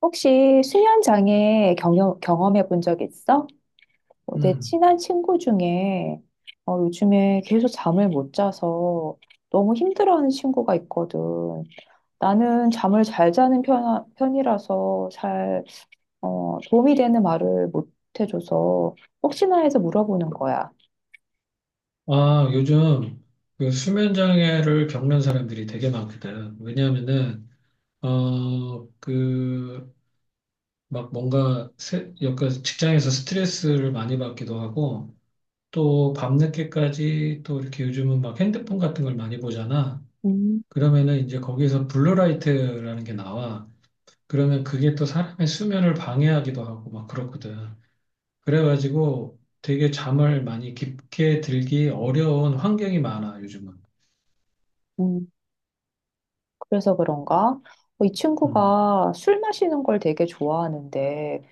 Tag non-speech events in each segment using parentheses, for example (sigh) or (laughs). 혹시 수면 장애 경험해 본 적 있어? 어, 내 음. 친한 친구 중에 요즘에 계속 잠을 못 자서 너무 힘들어하는 친구가 있거든. 나는 잠을 잘 자는 편이라서 잘 도움이 되는 말을 못 해줘서 혹시나 해서 물어보는 거야. 요즘 그 수면 장애를 겪는 사람들이 되게 많거든. 왜냐하면은 그 막 뭔가 약간 직장에서 스트레스를 많이 받기도 하고 또 밤늦게까지 또 이렇게 요즘은 막 핸드폰 같은 걸 많이 보잖아. 음. 그러면은 이제 거기에서 블루라이트라는 게 나와. 그러면 그게 또 사람의 수면을 방해하기도 하고 막 그렇거든. 그래가지고 되게 잠을 많이 깊게 들기 어려운 환경이 많아, 요즘은. 음. 그래서 그런가? 어, 이 음, 친구가 술 마시는 걸 되게 좋아하는데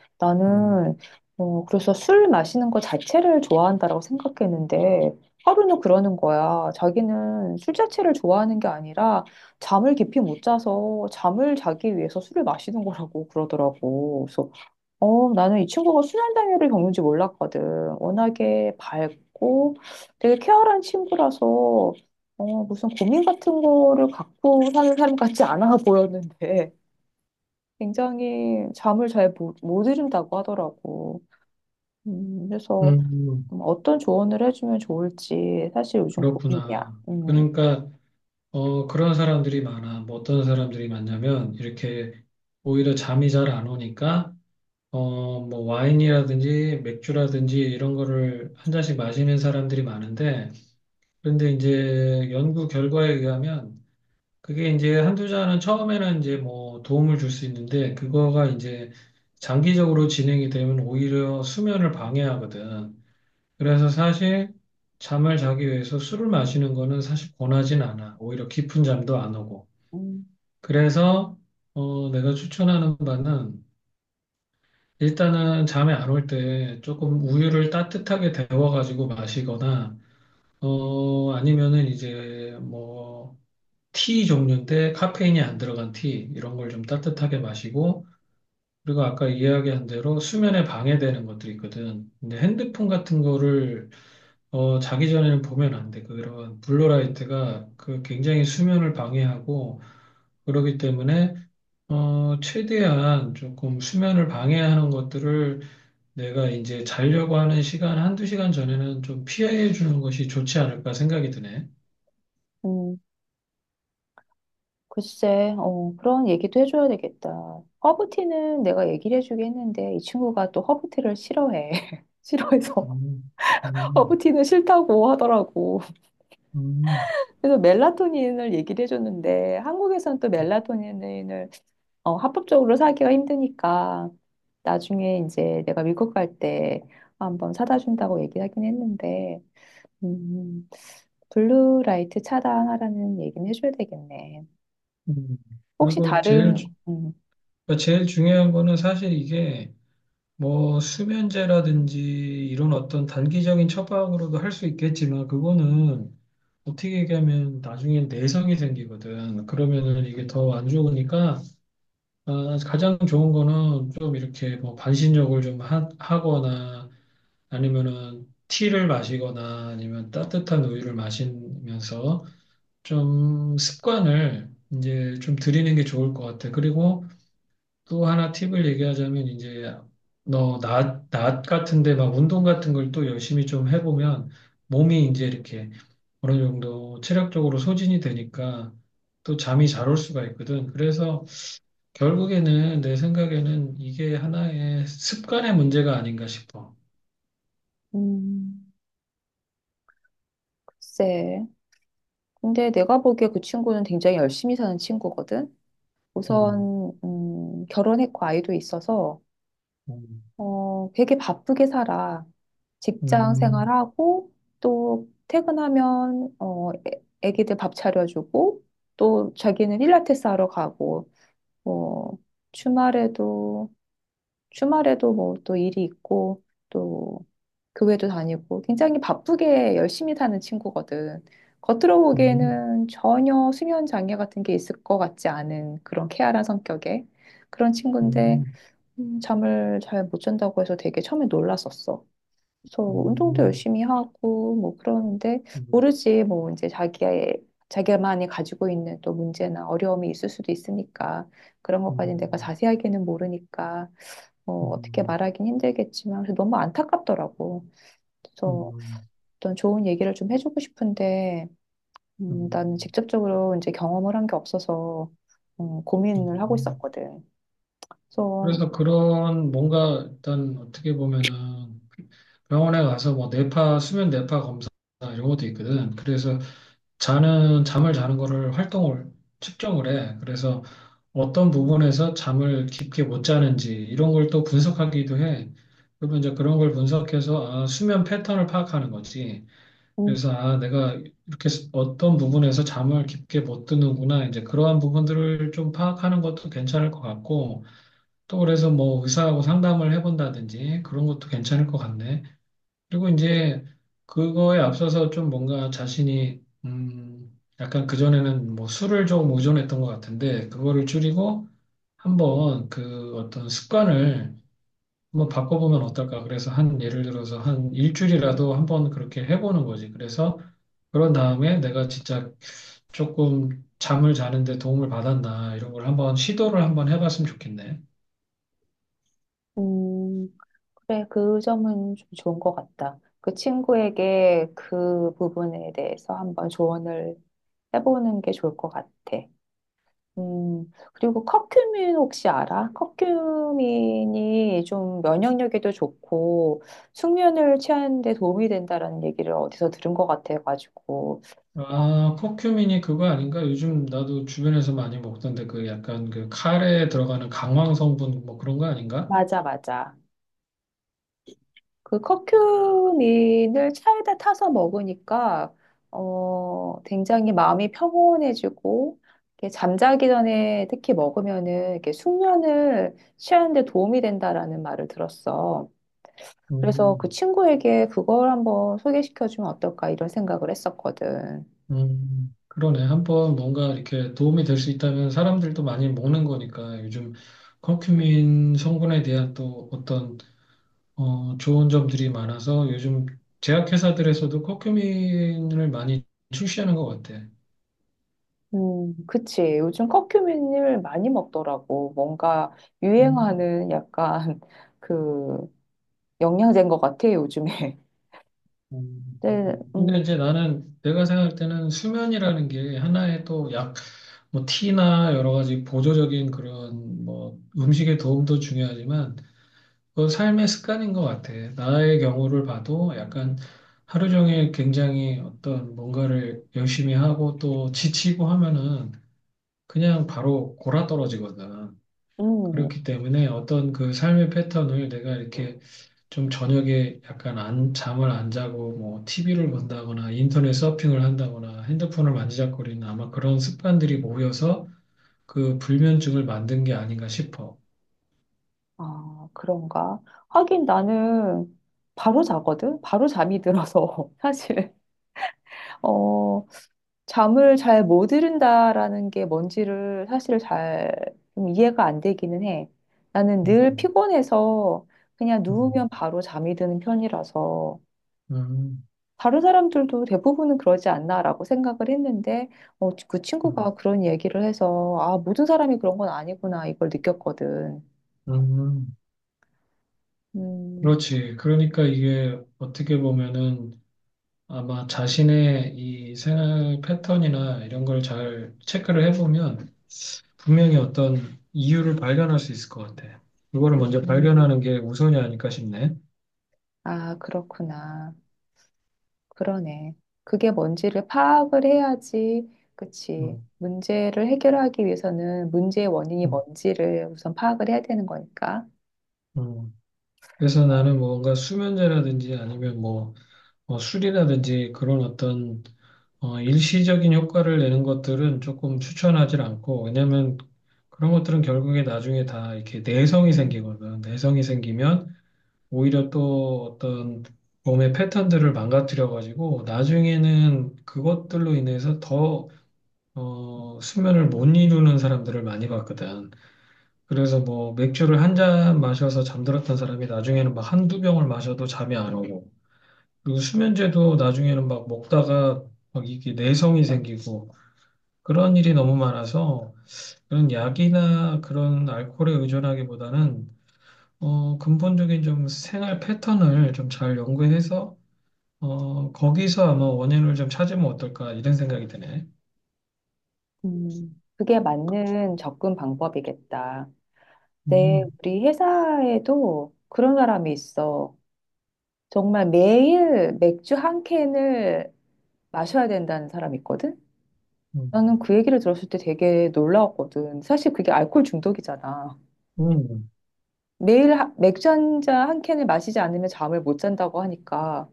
음, 나는 그래서 술 마시는 거 자체를 좋아한다라고 생각했는데 하루는 그러는 거야. 자기는 술 자체를 좋아하는 게 아니라 잠을 깊이 못 자서 잠을 자기 위해서 술을 마시는 거라고 그러더라고. 그래서 나는 이 친구가 순환장애를 겪는지 몰랐거든. 워낙에 밝고 되게 쾌활한 친구라서 어, 무슨 고민 같은 거를 갖고 사는 사람 같지 않아 (laughs) 보였는데 굉장히 잠을 잘 못 이룬다고 하더라고. 그래서 음, 어떤 조언을 해주면 좋을지 사실 요즘 고민이야. 그렇구나. 그러니까 그런 사람들이 많아. 뭐 어떤 사람들이 많냐면 이렇게 오히려 잠이 잘 안 오니까 뭐 와인이라든지 맥주라든지 이런 거를 한 잔씩 마시는 사람들이 많은데, 그런데 이제 연구 결과에 의하면 그게 이제 한두 잔은 처음에는 이제 뭐 도움을 줄 수 있는데, 그거가 이제 장기적으로 진행이 되면 오히려 수면을 방해하거든. 그래서 사실 잠을 자기 위해서 술을 마시는 거는 사실 권하진 않아. 오히려 깊은 잠도 안 오고. 음, 그래서 내가 추천하는 바는, 일단은 잠이 안올 때 조금 우유를 따뜻하게 데워가지고 마시거나 아니면은 이제 뭐 티 종류인데 카페인이 안 들어간 티 이런 걸 좀 따뜻하게 마시고, 그리고 아까 이야기한 대로 수면에 방해되는 것들이 있거든. 근데 핸드폰 같은 거를 자기 전에는 보면 안 돼. 그런 블루라이트가 그 굉장히 수면을 방해하고 그러기 때문에 최대한 조금 수면을 방해하는 것들을 내가 이제 자려고 하는 시간 한두 시간 전에는 좀 피해 주는 것이 좋지 않을까 생각이 드네. 음. 글쎄, 어, 그런 얘기도 해줘야 되겠다. 허브티는 내가 얘기를 해주긴 했는데 이 친구가 또 허브티를 싫어해. (laughs) 싫어해서 음, (laughs) 음, 허브티는 싫다고 하더라고. 음, 그래서 멜라토닌을 얘기를 해줬는데 한국에선 또 멜라토닌을 합법적으로 사기가 힘드니까 나중에 이제 내가 미국 갈 때 한번 사다 준다고 얘기하긴 했는데 음, 블루라이트 차단하라는 얘기는 해줘야 되겠네. 음. 혹시 그리고 제일 다른 그러니까 제일 중요한 거는 사실 이게 뭐 수면제라든지 이런 어떤 단기적인 처방으로도 할 수 있겠지만, 그거는 어떻게 얘기하면 나중엔 내성이 생기거든. 그러면은 이게 더 안 좋으니까 아, 가장 좋은 거는 좀 이렇게 뭐 반신욕을 좀 하거나 아니면은 티를 마시거나 아니면 따뜻한 우유를 마시면서 좀 습관을 이제 좀 들이는 게 좋을 것 같아. 그리고 또 하나 팁을 얘기하자면, 이제 너 낮 같은데 막 운동 같은 걸 또 열심히 좀 해보면 몸이 이제 이렇게 어느 정도 체력적으로 소진이 되니까 또 잠이 잘 올 수가 있거든. 그래서 결국에는 내 생각에는 이게 하나의 습관의 문제가 아닌가 싶어. 음. 글쎄. 근데 내가 보기에 그 친구는 굉장히 열심히 사는 친구거든. 음, 우선 결혼했고 아이도 있어서 음, 되게 바쁘게 살아. 직장 음, 생활하고 또 퇴근하면 어, 애기들 밥 차려주고 또 자기는 필라테스 하러 가고 뭐 주말에도 주말에도 뭐 또 일이 있고 또 교회도 다니고 굉장히 바쁘게 열심히 사는 친구거든. 겉으로 음, 보기에는 전혀 수면 장애 같은 게 있을 것 같지 않은 그런 케알한 성격의 그런 친구인데 음, 잠을 잘 못 잔다고 해서 되게 처음에 놀랐었어. 그래서 음, 뭐 운동도 음, 열심히 하고 뭐 그러는데 음, 모르지 뭐 이제 자기의 자기만이 가지고 있는 또 문제나 어려움이 있을 수도 있으니까 그런 것까지 내가 자세하게는 모르니까 음, 어떻게 음, 말하긴 힘들겠지만 그래서 너무 안타깝더라고. 그래서 음, 어떤 좋은 얘기를 좀 해주고 싶은데 나는 음. 직접적으로 이제 경험을 한 게 없어서 고민을 하고 음. 있었거든. 그래서 그래서 그런 뭔가 일단 어떻게 보면은 병원에 가서 뭐 뇌파, 수면 뇌파 검사 이런 것도 있거든. 그래서 잠을 자는 거를 활동을 측정을 해. 그래서 어떤 부분에서 잠을 깊게 못 자는지 이런 걸 또 분석하기도 해. 그러면 이제 그런 걸 분석해서 아, 수면 패턴을 파악하는 거지. 음, 그래서 아, 내가 이렇게 어떤 부분에서 잠을 깊게 못 드는구나. 이제 그러한 부분들을 좀 파악하는 것도 괜찮을 것 같고, 또 그래서 뭐 의사하고 상담을 해본다든지 그런 것도 괜찮을 것 같네. 그리고 이제 그거에 앞서서 좀 뭔가 자신이 약간 그전에는 뭐 술을 좀 의존했던 것 같은데, 그거를 줄이고 한번 그 어떤 습관을 한번 바꿔보면 어떨까. 그래서 한 예를 들어서 한 일주일이라도 한번 그렇게 해보는 거지. 그래서 그런 다음에 내가 진짜 조금 잠을 자는데 도움을 받았나 이런 걸 한번 시도를 한번 해봤으면 좋겠네. 음, 그래 그 점은 좀 좋은 것 같다. 그 친구에게 그 부분에 대해서 한번 조언을 해보는 게 좋을 것 같아. 그리고 커큐민 혹시 알아? 커큐민이 좀 면역력에도 좋고 숙면을 취하는 데 도움이 된다라는 얘기를 어디서 들은 것 같아가지고. 어, 아, 커큐민이 그거 아닌가? 요즘 나도 주변에서 많이 먹던데 그 약간 그 카레에 들어가는 강황 성분 뭐 그런 거 아닌가? 맞아, 맞아. 그 커큐민을 차에다 타서 먹으니까 굉장히 마음이 평온해지고 이렇게 잠자기 전에 특히 먹으면은 이렇게 숙면을 취하는 데 도움이 된다라는 말을 들었어. 그래서 그 음, 친구에게 그걸 한번 소개시켜주면 어떨까 이런 생각을 했었거든. 그러네. 한번 뭔가 이렇게 도움이 될 수 있다면 사람들도 많이 먹는 거니까, 요즘 커큐민 성분에 대한 또 어떤 좋은 점들이 많아서 요즘 제약회사들에서도 커큐민을 많이 출시하는 것 같아. 그치. 요즘 커큐민을 많이 먹더라고. 뭔가 음. 유행하는 약간 (laughs) 그 영양제인 것 같아, 요즘에. (laughs) 네, 그렇구나. 근데 이제 나는, 내가 생각할 때는 수면이라는 게 하나의 또 약, 뭐 티나 여러 가지 보조적인 그런 뭐 음식의 도움도 중요하지만 그 삶의 습관인 것 같아. 나의 경우를 봐도 약간 하루 종일 굉장히 어떤 뭔가를 열심히 하고 또 지치고 하면은 그냥 바로 골아 떨어지거든. 음, 그렇기 때문에 어떤 그 삶의 패턴을 내가 이렇게 좀 저녁에 약간 안, 잠을 안 자고 뭐 TV를 본다거나 인터넷 서핑을 한다거나 핸드폰을 만지작거리는 아마 그런 습관들이 모여서 그 불면증을 만든 게 아닌가 싶어. 아, 그런가. 하긴 나는 바로 자거든? 바로 잠이 들어서. (laughs) 사실. 어, 잠을 잘 못 이룬다라는 게 뭔지를 사실 잘 좀 이해가 안 되기는 해. 나는 늘 음, 피곤해서 그냥 누우면 음, 바로 잠이 드는 편이라서 음, 다른 사람들도 대부분은 그러지 않나라고 생각을 했는데 그 음, 친구가 그런 얘기를 해서 아, 모든 사람이 그런 건 아니구나 이걸 느꼈거든. 음. 음, 그렇지. 그러니까 이게 어떻게 보면은 아마 자신의 이 생활 패턴이나 이런 걸 잘 체크를 해보면 분명히 어떤 이유를 발견할 수 있을 것 같아. 이거를 먼저 음, 발견하는 게 우선이 아닐까 싶네. 아, 그렇구나. 그러네. 그게 뭔지를 파악을 해야지, 그치. 음. 문제를 해결하기 위해서는 문제의 원인이 어, 뭔지를 우선 파악을 해야 되는 거니까. 어. 그래서 나는 뭔가 수면제라든지 아니면 뭐 술이라든지 그런 어떤 일시적인 효과를 내는 것들은 조금 추천하지 않고, 왜냐면 그런 것들은 결국에 나중에 다 이렇게 내성이 생기거든. 내성이 생기면 오히려 또 어떤 몸의 패턴들을 망가뜨려 가지고 나중에는 그것들로 인해서 더 수면을 못 이루는 사람들을 많이 봤거든. 그래서 뭐 맥주를 한 잔 마셔서 잠들었던 사람이 나중에는 막 한두 병을 마셔도 잠이 안 오고, 그리고 수면제도 나중에는 막 먹다가 막 이게 내성이 생기고, 그런 일이 너무 많아서 그런 약이나 그런 알코올에 의존하기보다는 근본적인 좀 생활 패턴을 좀 잘 연구해서 거기서 아마 원인을 좀 찾으면 어떨까, 이런 생각이 드네. 그게 맞는 접근 방법이겠다. 네, 음, 우리 회사에도 그런 사람이 있어. 정말 매일 맥주 한 캔을 마셔야 된다는 사람이 있거든? 음, 나는 그 얘기를 들었을 때 되게 놀라웠거든. 사실 그게 알코올 중독이잖아. 음, 매일 맥주 한잔 한 캔을 마시지 않으면 잠을 못 잔다고 하니까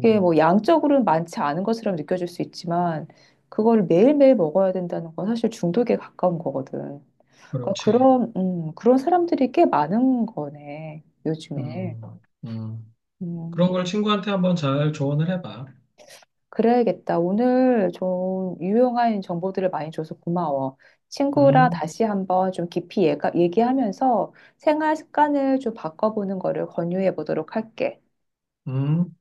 그게 뭐 양적으로는 많지 않은 것처럼 느껴질 수 있지만 그걸 매일매일 먹어야 된다는 건 사실 중독에 가까운 거거든. 그러니까 그렇지. 그런 그런 사람들이 꽤 많은 거네, 요즘에. 음, 음. 그런 음, 걸 친구한테 한번 잘 조언을 해봐. 그래야겠다. 오늘 좀 유용한 정보들을 많이 줘서 고마워. 친구랑 음, 다시 한번 좀 깊이 얘기하면서 생활 습관을 좀 바꿔보는 거를 권유해 보도록 할게. 음.